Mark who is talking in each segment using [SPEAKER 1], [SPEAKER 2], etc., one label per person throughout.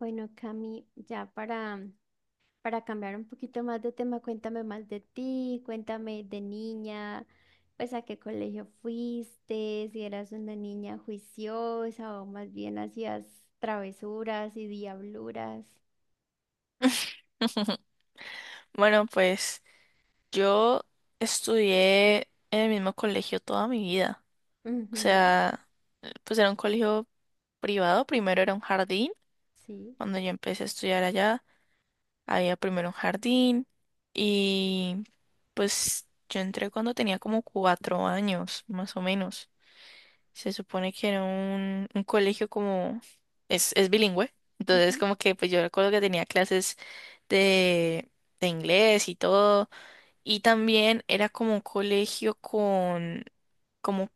[SPEAKER 1] Bueno, Cami, ya para cambiar un poquito más de tema, cuéntame más de ti, cuéntame de niña, pues a qué colegio fuiste, si eras una niña juiciosa o más bien hacías travesuras y diabluras.
[SPEAKER 2] Bueno, pues yo estudié en el mismo colegio toda mi vida. O
[SPEAKER 1] Ujú,
[SPEAKER 2] sea, pues era un colegio privado, primero era un jardín.
[SPEAKER 1] sí.
[SPEAKER 2] Cuando yo empecé a estudiar allá, había primero un jardín y pues yo entré cuando tenía como cuatro años, más o menos. Se supone que era un colegio como es bilingüe.
[SPEAKER 1] Ujú,
[SPEAKER 2] Entonces como que pues yo recuerdo que tenía clases de, de inglés y todo. Y también era como un colegio con como,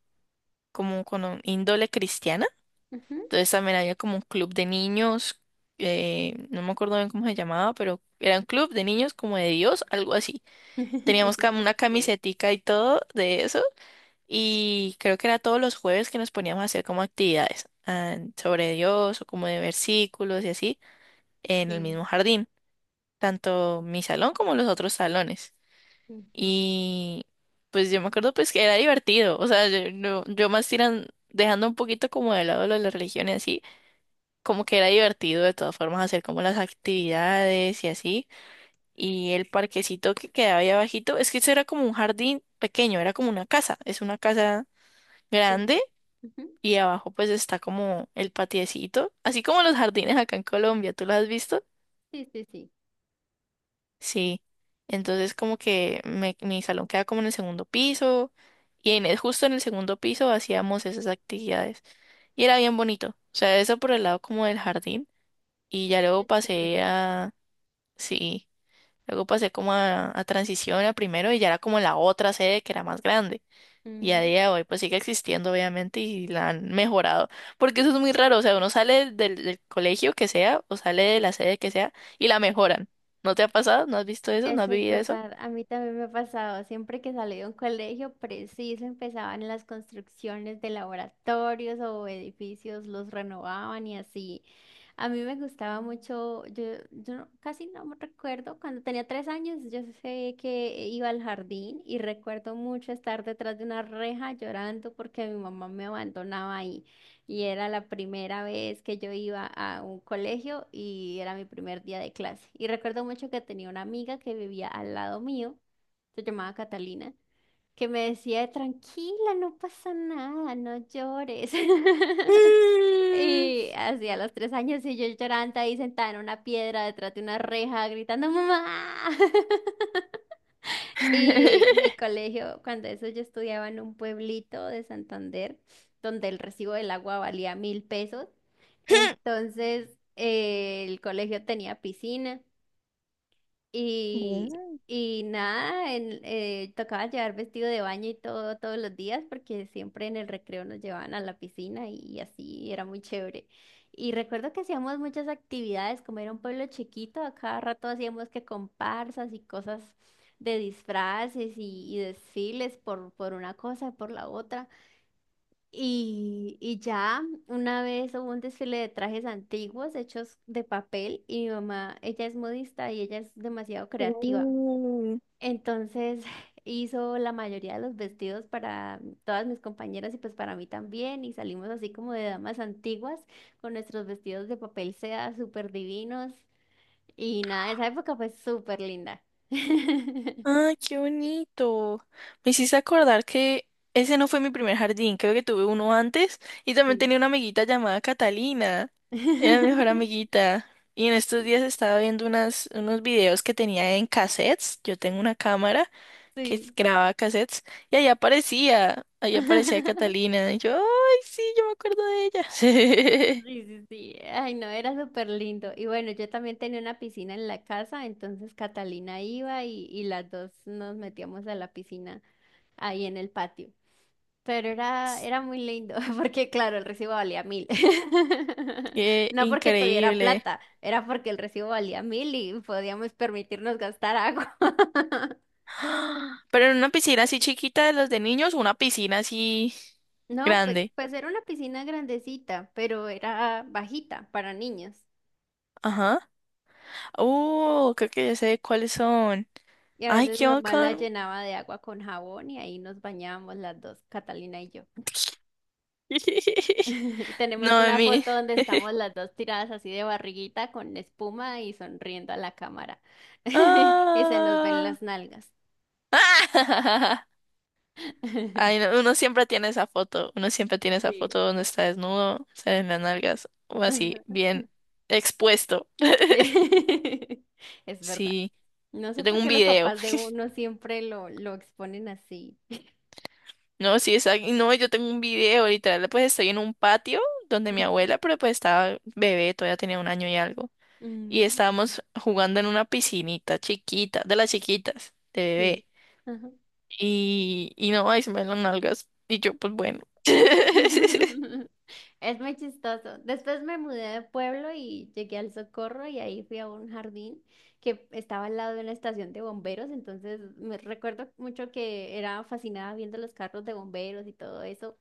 [SPEAKER 2] como con un índole cristiana.
[SPEAKER 1] ujú.
[SPEAKER 2] Entonces también había como un club de niños, no me acuerdo bien cómo se llamaba, pero era un club de niños como de Dios, algo así. Teníamos una
[SPEAKER 1] Ok,
[SPEAKER 2] camisetica y todo de eso. Y creo que era todos los jueves que nos poníamos a hacer como actividades sobre Dios o como de versículos y así en el
[SPEAKER 1] sí.
[SPEAKER 2] mismo jardín, tanto mi salón como los otros salones.
[SPEAKER 1] Ujú,
[SPEAKER 2] Y pues yo me acuerdo pues que era divertido, o sea, yo, yo más tiran, dejando un poquito como de lado lo de la religión y así, como que era divertido de todas formas hacer como las actividades y así. Y el parquecito que quedaba ahí abajito, es que eso era como un jardín pequeño, era como una casa, es una casa
[SPEAKER 1] sí.
[SPEAKER 2] grande
[SPEAKER 1] Ujú,
[SPEAKER 2] y abajo pues está como el patiecito, así como los jardines acá en Colombia, ¿tú los has visto?
[SPEAKER 1] sí, sí, sí.
[SPEAKER 2] Sí. Entonces como que mi salón queda como en el segundo piso y en justo en el segundo piso hacíamos esas actividades y era bien bonito. O sea, eso por el lado como del jardín y ya luego
[SPEAKER 1] Qué chévere.
[SPEAKER 2] sí, luego pasé como a transición a primero y ya era como la otra sede que era más grande. Y a día de hoy pues sigue existiendo obviamente y la han mejorado. Porque eso es muy raro, o sea, uno sale del, del colegio que sea o sale de la sede que sea y la mejoran. ¿No te ha pasado? ¿No has visto eso? ¿No has
[SPEAKER 1] Eso es
[SPEAKER 2] vivido eso?
[SPEAKER 1] verdad, a mí también me ha pasado, siempre que salí de un colegio, preciso empezaban las construcciones de laboratorios o edificios, los renovaban y así. A mí me gustaba mucho, yo no- casi no me recuerdo, cuando tenía tres años yo sé que iba al jardín y recuerdo mucho estar detrás de una reja llorando porque mi mamá me abandonaba ahí. Y era la primera vez que yo iba a un colegio y era mi primer día de clase. Y recuerdo mucho que tenía una amiga que vivía al lado mío, se llamaba Catalina, que me decía, tranquila, no pasa nada, no llores.
[SPEAKER 2] Mm.
[SPEAKER 1] Y hacía los tres años y yo llorando ahí sentada en una piedra detrás de una reja gritando, mamá. Y mi colegio, cuando eso yo estudiaba en un pueblito de Santander, donde el recibo del agua valía 1000 pesos. Entonces, el colegio tenía piscina y nada, tocaba llevar vestido de baño y todo todos los días porque siempre en el recreo nos llevaban a la piscina y así era muy chévere. Y recuerdo que hacíamos muchas actividades, como era un pueblo chiquito, a cada rato hacíamos que comparsas y cosas de disfraces y desfiles por una cosa, por la otra. Y ya una vez hubo un desfile de trajes antiguos hechos de papel y mi mamá, ella es modista y ella es demasiado creativa.
[SPEAKER 2] Mm.
[SPEAKER 1] Entonces hizo la mayoría de los vestidos para todas mis compañeras y pues para mí también y salimos así como de damas antiguas con nuestros vestidos de papel seda súper divinos y nada, esa época fue súper linda.
[SPEAKER 2] Ah, qué bonito. Me hiciste acordar que ese no fue mi primer jardín, creo que tuve uno antes y también
[SPEAKER 1] Sí.
[SPEAKER 2] tenía una amiguita llamada Catalina. Era mi mejor amiguita. Y en estos
[SPEAKER 1] Sí.
[SPEAKER 2] días estaba viendo unas, unos videos que tenía en cassettes. Yo tengo una cámara que
[SPEAKER 1] Sí.
[SPEAKER 2] graba cassettes y allá aparecía Catalina. Y yo, ay, sí, yo me acuerdo de ella.
[SPEAKER 1] Sí, sí, sí. Ay, no, era súper lindo. Y bueno, yo también tenía una piscina en la casa, entonces Catalina iba y las dos nos metíamos a la piscina ahí en el patio. Pero era muy lindo, porque claro, el recibo valía mil.
[SPEAKER 2] Qué
[SPEAKER 1] No porque tuviera
[SPEAKER 2] increíble.
[SPEAKER 1] plata, era porque el recibo valía mil y podíamos permitirnos gastar agua.
[SPEAKER 2] ¡Ah! Pero en una piscina así chiquita de los de niños, o una piscina así
[SPEAKER 1] No, pues,
[SPEAKER 2] grande.
[SPEAKER 1] pues era una piscina grandecita, pero era bajita para niños.
[SPEAKER 2] Ajá. Creo que ya sé cuáles son.
[SPEAKER 1] Y a
[SPEAKER 2] Ay,
[SPEAKER 1] veces mi
[SPEAKER 2] qué
[SPEAKER 1] mamá la
[SPEAKER 2] bacano.
[SPEAKER 1] llenaba de agua con jabón y ahí nos bañábamos las dos, Catalina y yo. Y tenemos
[SPEAKER 2] No, a
[SPEAKER 1] una
[SPEAKER 2] mí.
[SPEAKER 1] foto donde estamos las dos tiradas así de barriguita con espuma y sonriendo a la cámara. Y se nos ven
[SPEAKER 2] Ah.
[SPEAKER 1] las nalgas.
[SPEAKER 2] Ay, no, uno siempre tiene esa foto. Uno siempre tiene esa
[SPEAKER 1] Sí.
[SPEAKER 2] foto donde está desnudo, salen las nalgas, o así,
[SPEAKER 1] Ajá.
[SPEAKER 2] bien expuesto.
[SPEAKER 1] Sí. Es verdad.
[SPEAKER 2] Sí,
[SPEAKER 1] No sé
[SPEAKER 2] yo tengo
[SPEAKER 1] por
[SPEAKER 2] un
[SPEAKER 1] qué los
[SPEAKER 2] video.
[SPEAKER 1] papás de uno siempre lo exponen así.
[SPEAKER 2] No, sí, exacto. No, yo tengo un video, literal, pues estoy en un patio donde mi
[SPEAKER 1] Ujú.
[SPEAKER 2] abuela, pero pues estaba bebé, todavía tenía un año y algo. Y
[SPEAKER 1] Mm,
[SPEAKER 2] estábamos jugando en una piscinita chiquita, de las chiquitas, de
[SPEAKER 1] sí.
[SPEAKER 2] bebé.
[SPEAKER 1] Ajá.
[SPEAKER 2] Y no, ahí se me ven las nalgas. Y yo, pues bueno.
[SPEAKER 1] Es muy chistoso. Después me mudé de pueblo y llegué al Socorro y ahí fui a un jardín que estaba al lado de una estación de bomberos. Entonces me recuerdo mucho que era fascinada viendo los carros de bomberos y todo eso.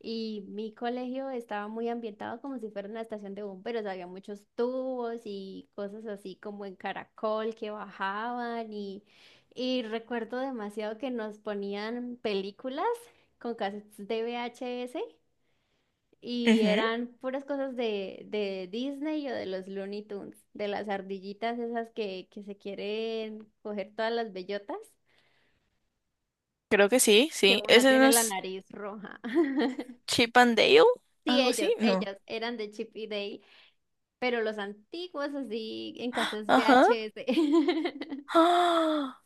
[SPEAKER 1] Y mi colegio estaba muy ambientado como si fuera una estación de bomberos. Había muchos tubos y cosas así como en caracol que bajaban y recuerdo demasiado que nos ponían películas con cassettes de VHS y
[SPEAKER 2] Ujú,
[SPEAKER 1] eran puras cosas de Disney o de los Looney Tunes, de las ardillitas esas que se quieren coger todas las bellotas,
[SPEAKER 2] creo que sí,
[SPEAKER 1] que
[SPEAKER 2] sí.
[SPEAKER 1] una
[SPEAKER 2] ¿Ese
[SPEAKER 1] tiene
[SPEAKER 2] no
[SPEAKER 1] la
[SPEAKER 2] es
[SPEAKER 1] nariz roja.
[SPEAKER 2] Chip and Dale?
[SPEAKER 1] Sí,
[SPEAKER 2] ¿Algo
[SPEAKER 1] ellos,
[SPEAKER 2] así? No.
[SPEAKER 1] ellos eran de Chip y Dale, pero los antiguos así en casas
[SPEAKER 2] Ajá.
[SPEAKER 1] VHS.
[SPEAKER 2] ¡Ah!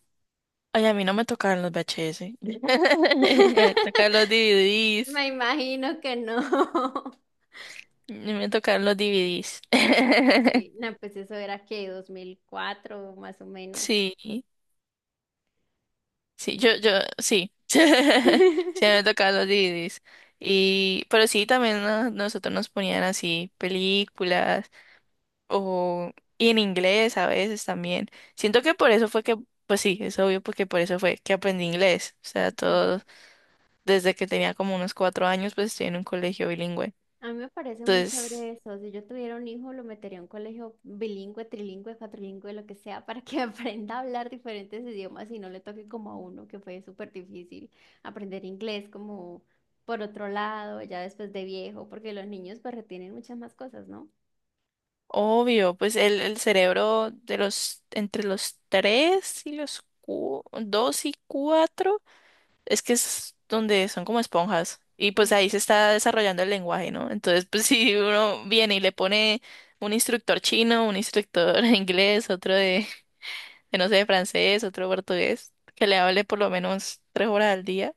[SPEAKER 2] Ay, a mí no me tocaron los VHS. A mí me tocaron los DVDs.
[SPEAKER 1] Me imagino que no.
[SPEAKER 2] Me tocaron los DVDs.
[SPEAKER 1] Sí, no, pues eso era que 2004 más o menos.
[SPEAKER 2] Sí, sí, yo, sí. Sí, me tocaron los DVDs. Y, pero sí, también nosotros nos ponían así películas o, y en inglés a veces también. Siento que por eso pues sí, es obvio porque por eso fue que aprendí inglés. O sea, todo, desde que tenía como unos cuatro años, pues estoy en un colegio bilingüe.
[SPEAKER 1] A mí me parece muy
[SPEAKER 2] Entonces...
[SPEAKER 1] chévere eso. Si yo tuviera un hijo, lo metería a un colegio bilingüe, trilingüe, cuatrilingüe, lo que sea, para que aprenda a hablar diferentes idiomas y no le toque como a uno, que fue súper difícil aprender inglés como por otro lado, ya después de viejo, porque los niños pues retienen muchas más cosas, ¿no?
[SPEAKER 2] Obvio, pues el cerebro de los, entre los tres y los dos y cuatro, es que es donde son como esponjas. Y pues
[SPEAKER 1] Ujú.
[SPEAKER 2] ahí se está desarrollando el lenguaje, ¿no? Entonces, pues si uno viene y le pone un instructor chino, un instructor de inglés, de no sé, de francés, otro de portugués, que le hable por lo menos tres horas al día,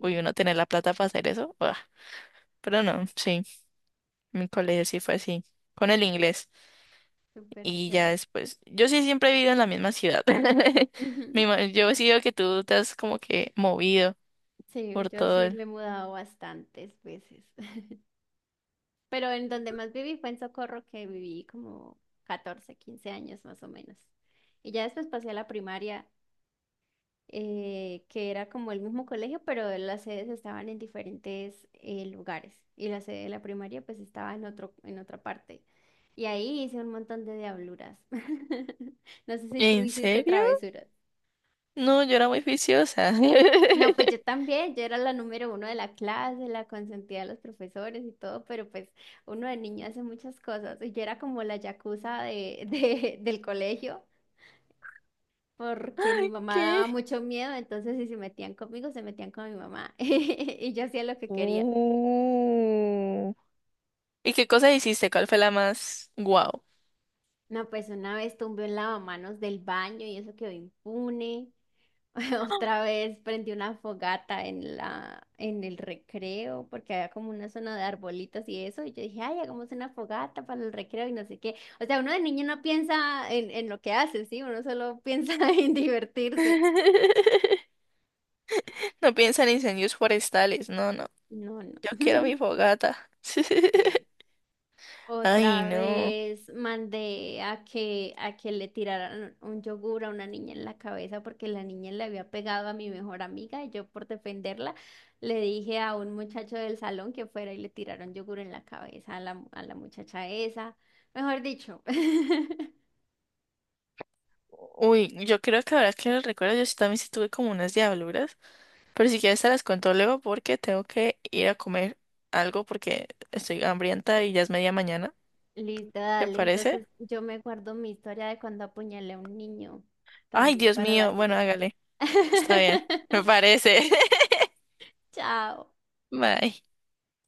[SPEAKER 2] uy, uno tener la plata para hacer eso, ¡buah! Pero no, sí, mi colegio sí fue así, con el inglés.
[SPEAKER 1] súper
[SPEAKER 2] Y ya
[SPEAKER 1] chévere.
[SPEAKER 2] después, yo sí siempre he vivido en la misma ciudad.
[SPEAKER 1] Ujú.
[SPEAKER 2] Yo sí veo que tú te has como que movido
[SPEAKER 1] Sí,
[SPEAKER 2] por
[SPEAKER 1] yo
[SPEAKER 2] todo
[SPEAKER 1] sí
[SPEAKER 2] el...
[SPEAKER 1] me he mudado bastantes veces. Pero en donde más viví fue en Socorro, que viví como 14 15 años más o menos. Y ya después pasé a la primaria, que era como el mismo colegio, pero las sedes estaban en diferentes lugares. Y la sede de la primaria pues estaba en otra parte. Y ahí hice un montón de diabluras. No sé si tú
[SPEAKER 2] ¿En
[SPEAKER 1] hiciste
[SPEAKER 2] serio?
[SPEAKER 1] travesuras.
[SPEAKER 2] No, yo era muy juiciosa.
[SPEAKER 1] No, pues yo también, yo era la número uno de la clase, la consentida de los profesores y todo, pero pues uno de niño hace muchas cosas. Y yo era como la yakuza del colegio, porque mi
[SPEAKER 2] Ay,
[SPEAKER 1] mamá
[SPEAKER 2] ¿qué?
[SPEAKER 1] daba mucho miedo, entonces si se metían conmigo, se metían con mi mamá. Y yo hacía lo que quería.
[SPEAKER 2] Uh. ¿Y qué cosas hiciste? ¿Cuál fue la más guau?
[SPEAKER 1] No, pues una vez tumbé un lavamanos del baño y eso quedó impune. Otra vez prendí una fogata en el recreo, porque había como una zona de arbolitos y eso, y yo dije, ay, hagamos una fogata para el recreo y no sé qué. O sea, uno de niño no piensa en lo que hace, ¿sí? Uno solo piensa en divertirse.
[SPEAKER 2] No piensa en incendios forestales, no, no.
[SPEAKER 1] No, no.
[SPEAKER 2] Yo quiero mi fogata.
[SPEAKER 1] Sí.
[SPEAKER 2] Ay,
[SPEAKER 1] Otra
[SPEAKER 2] no.
[SPEAKER 1] vez mandé a que le tiraran un yogur a una niña en la cabeza porque la niña le había pegado a mi mejor amiga y yo por defenderla le dije a un muchacho del salón que fuera y le tiraron yogur en la cabeza a la muchacha esa. Mejor dicho.
[SPEAKER 2] Uy, yo creo que ahora que lo recuerdo, yo sí también sí tuve como unas diabluras. Pero si quieres te las cuento luego porque tengo que ir a comer algo porque estoy hambrienta y ya es media mañana.
[SPEAKER 1] Listo,
[SPEAKER 2] ¿Le
[SPEAKER 1] dale.
[SPEAKER 2] parece?
[SPEAKER 1] Entonces yo me guardo mi historia de cuando apuñalé a un niño
[SPEAKER 2] Ay,
[SPEAKER 1] también
[SPEAKER 2] Dios
[SPEAKER 1] para la
[SPEAKER 2] mío. Bueno,
[SPEAKER 1] siguiente.
[SPEAKER 2] hágale. Está bien. Me parece.
[SPEAKER 1] Chao.
[SPEAKER 2] Bye.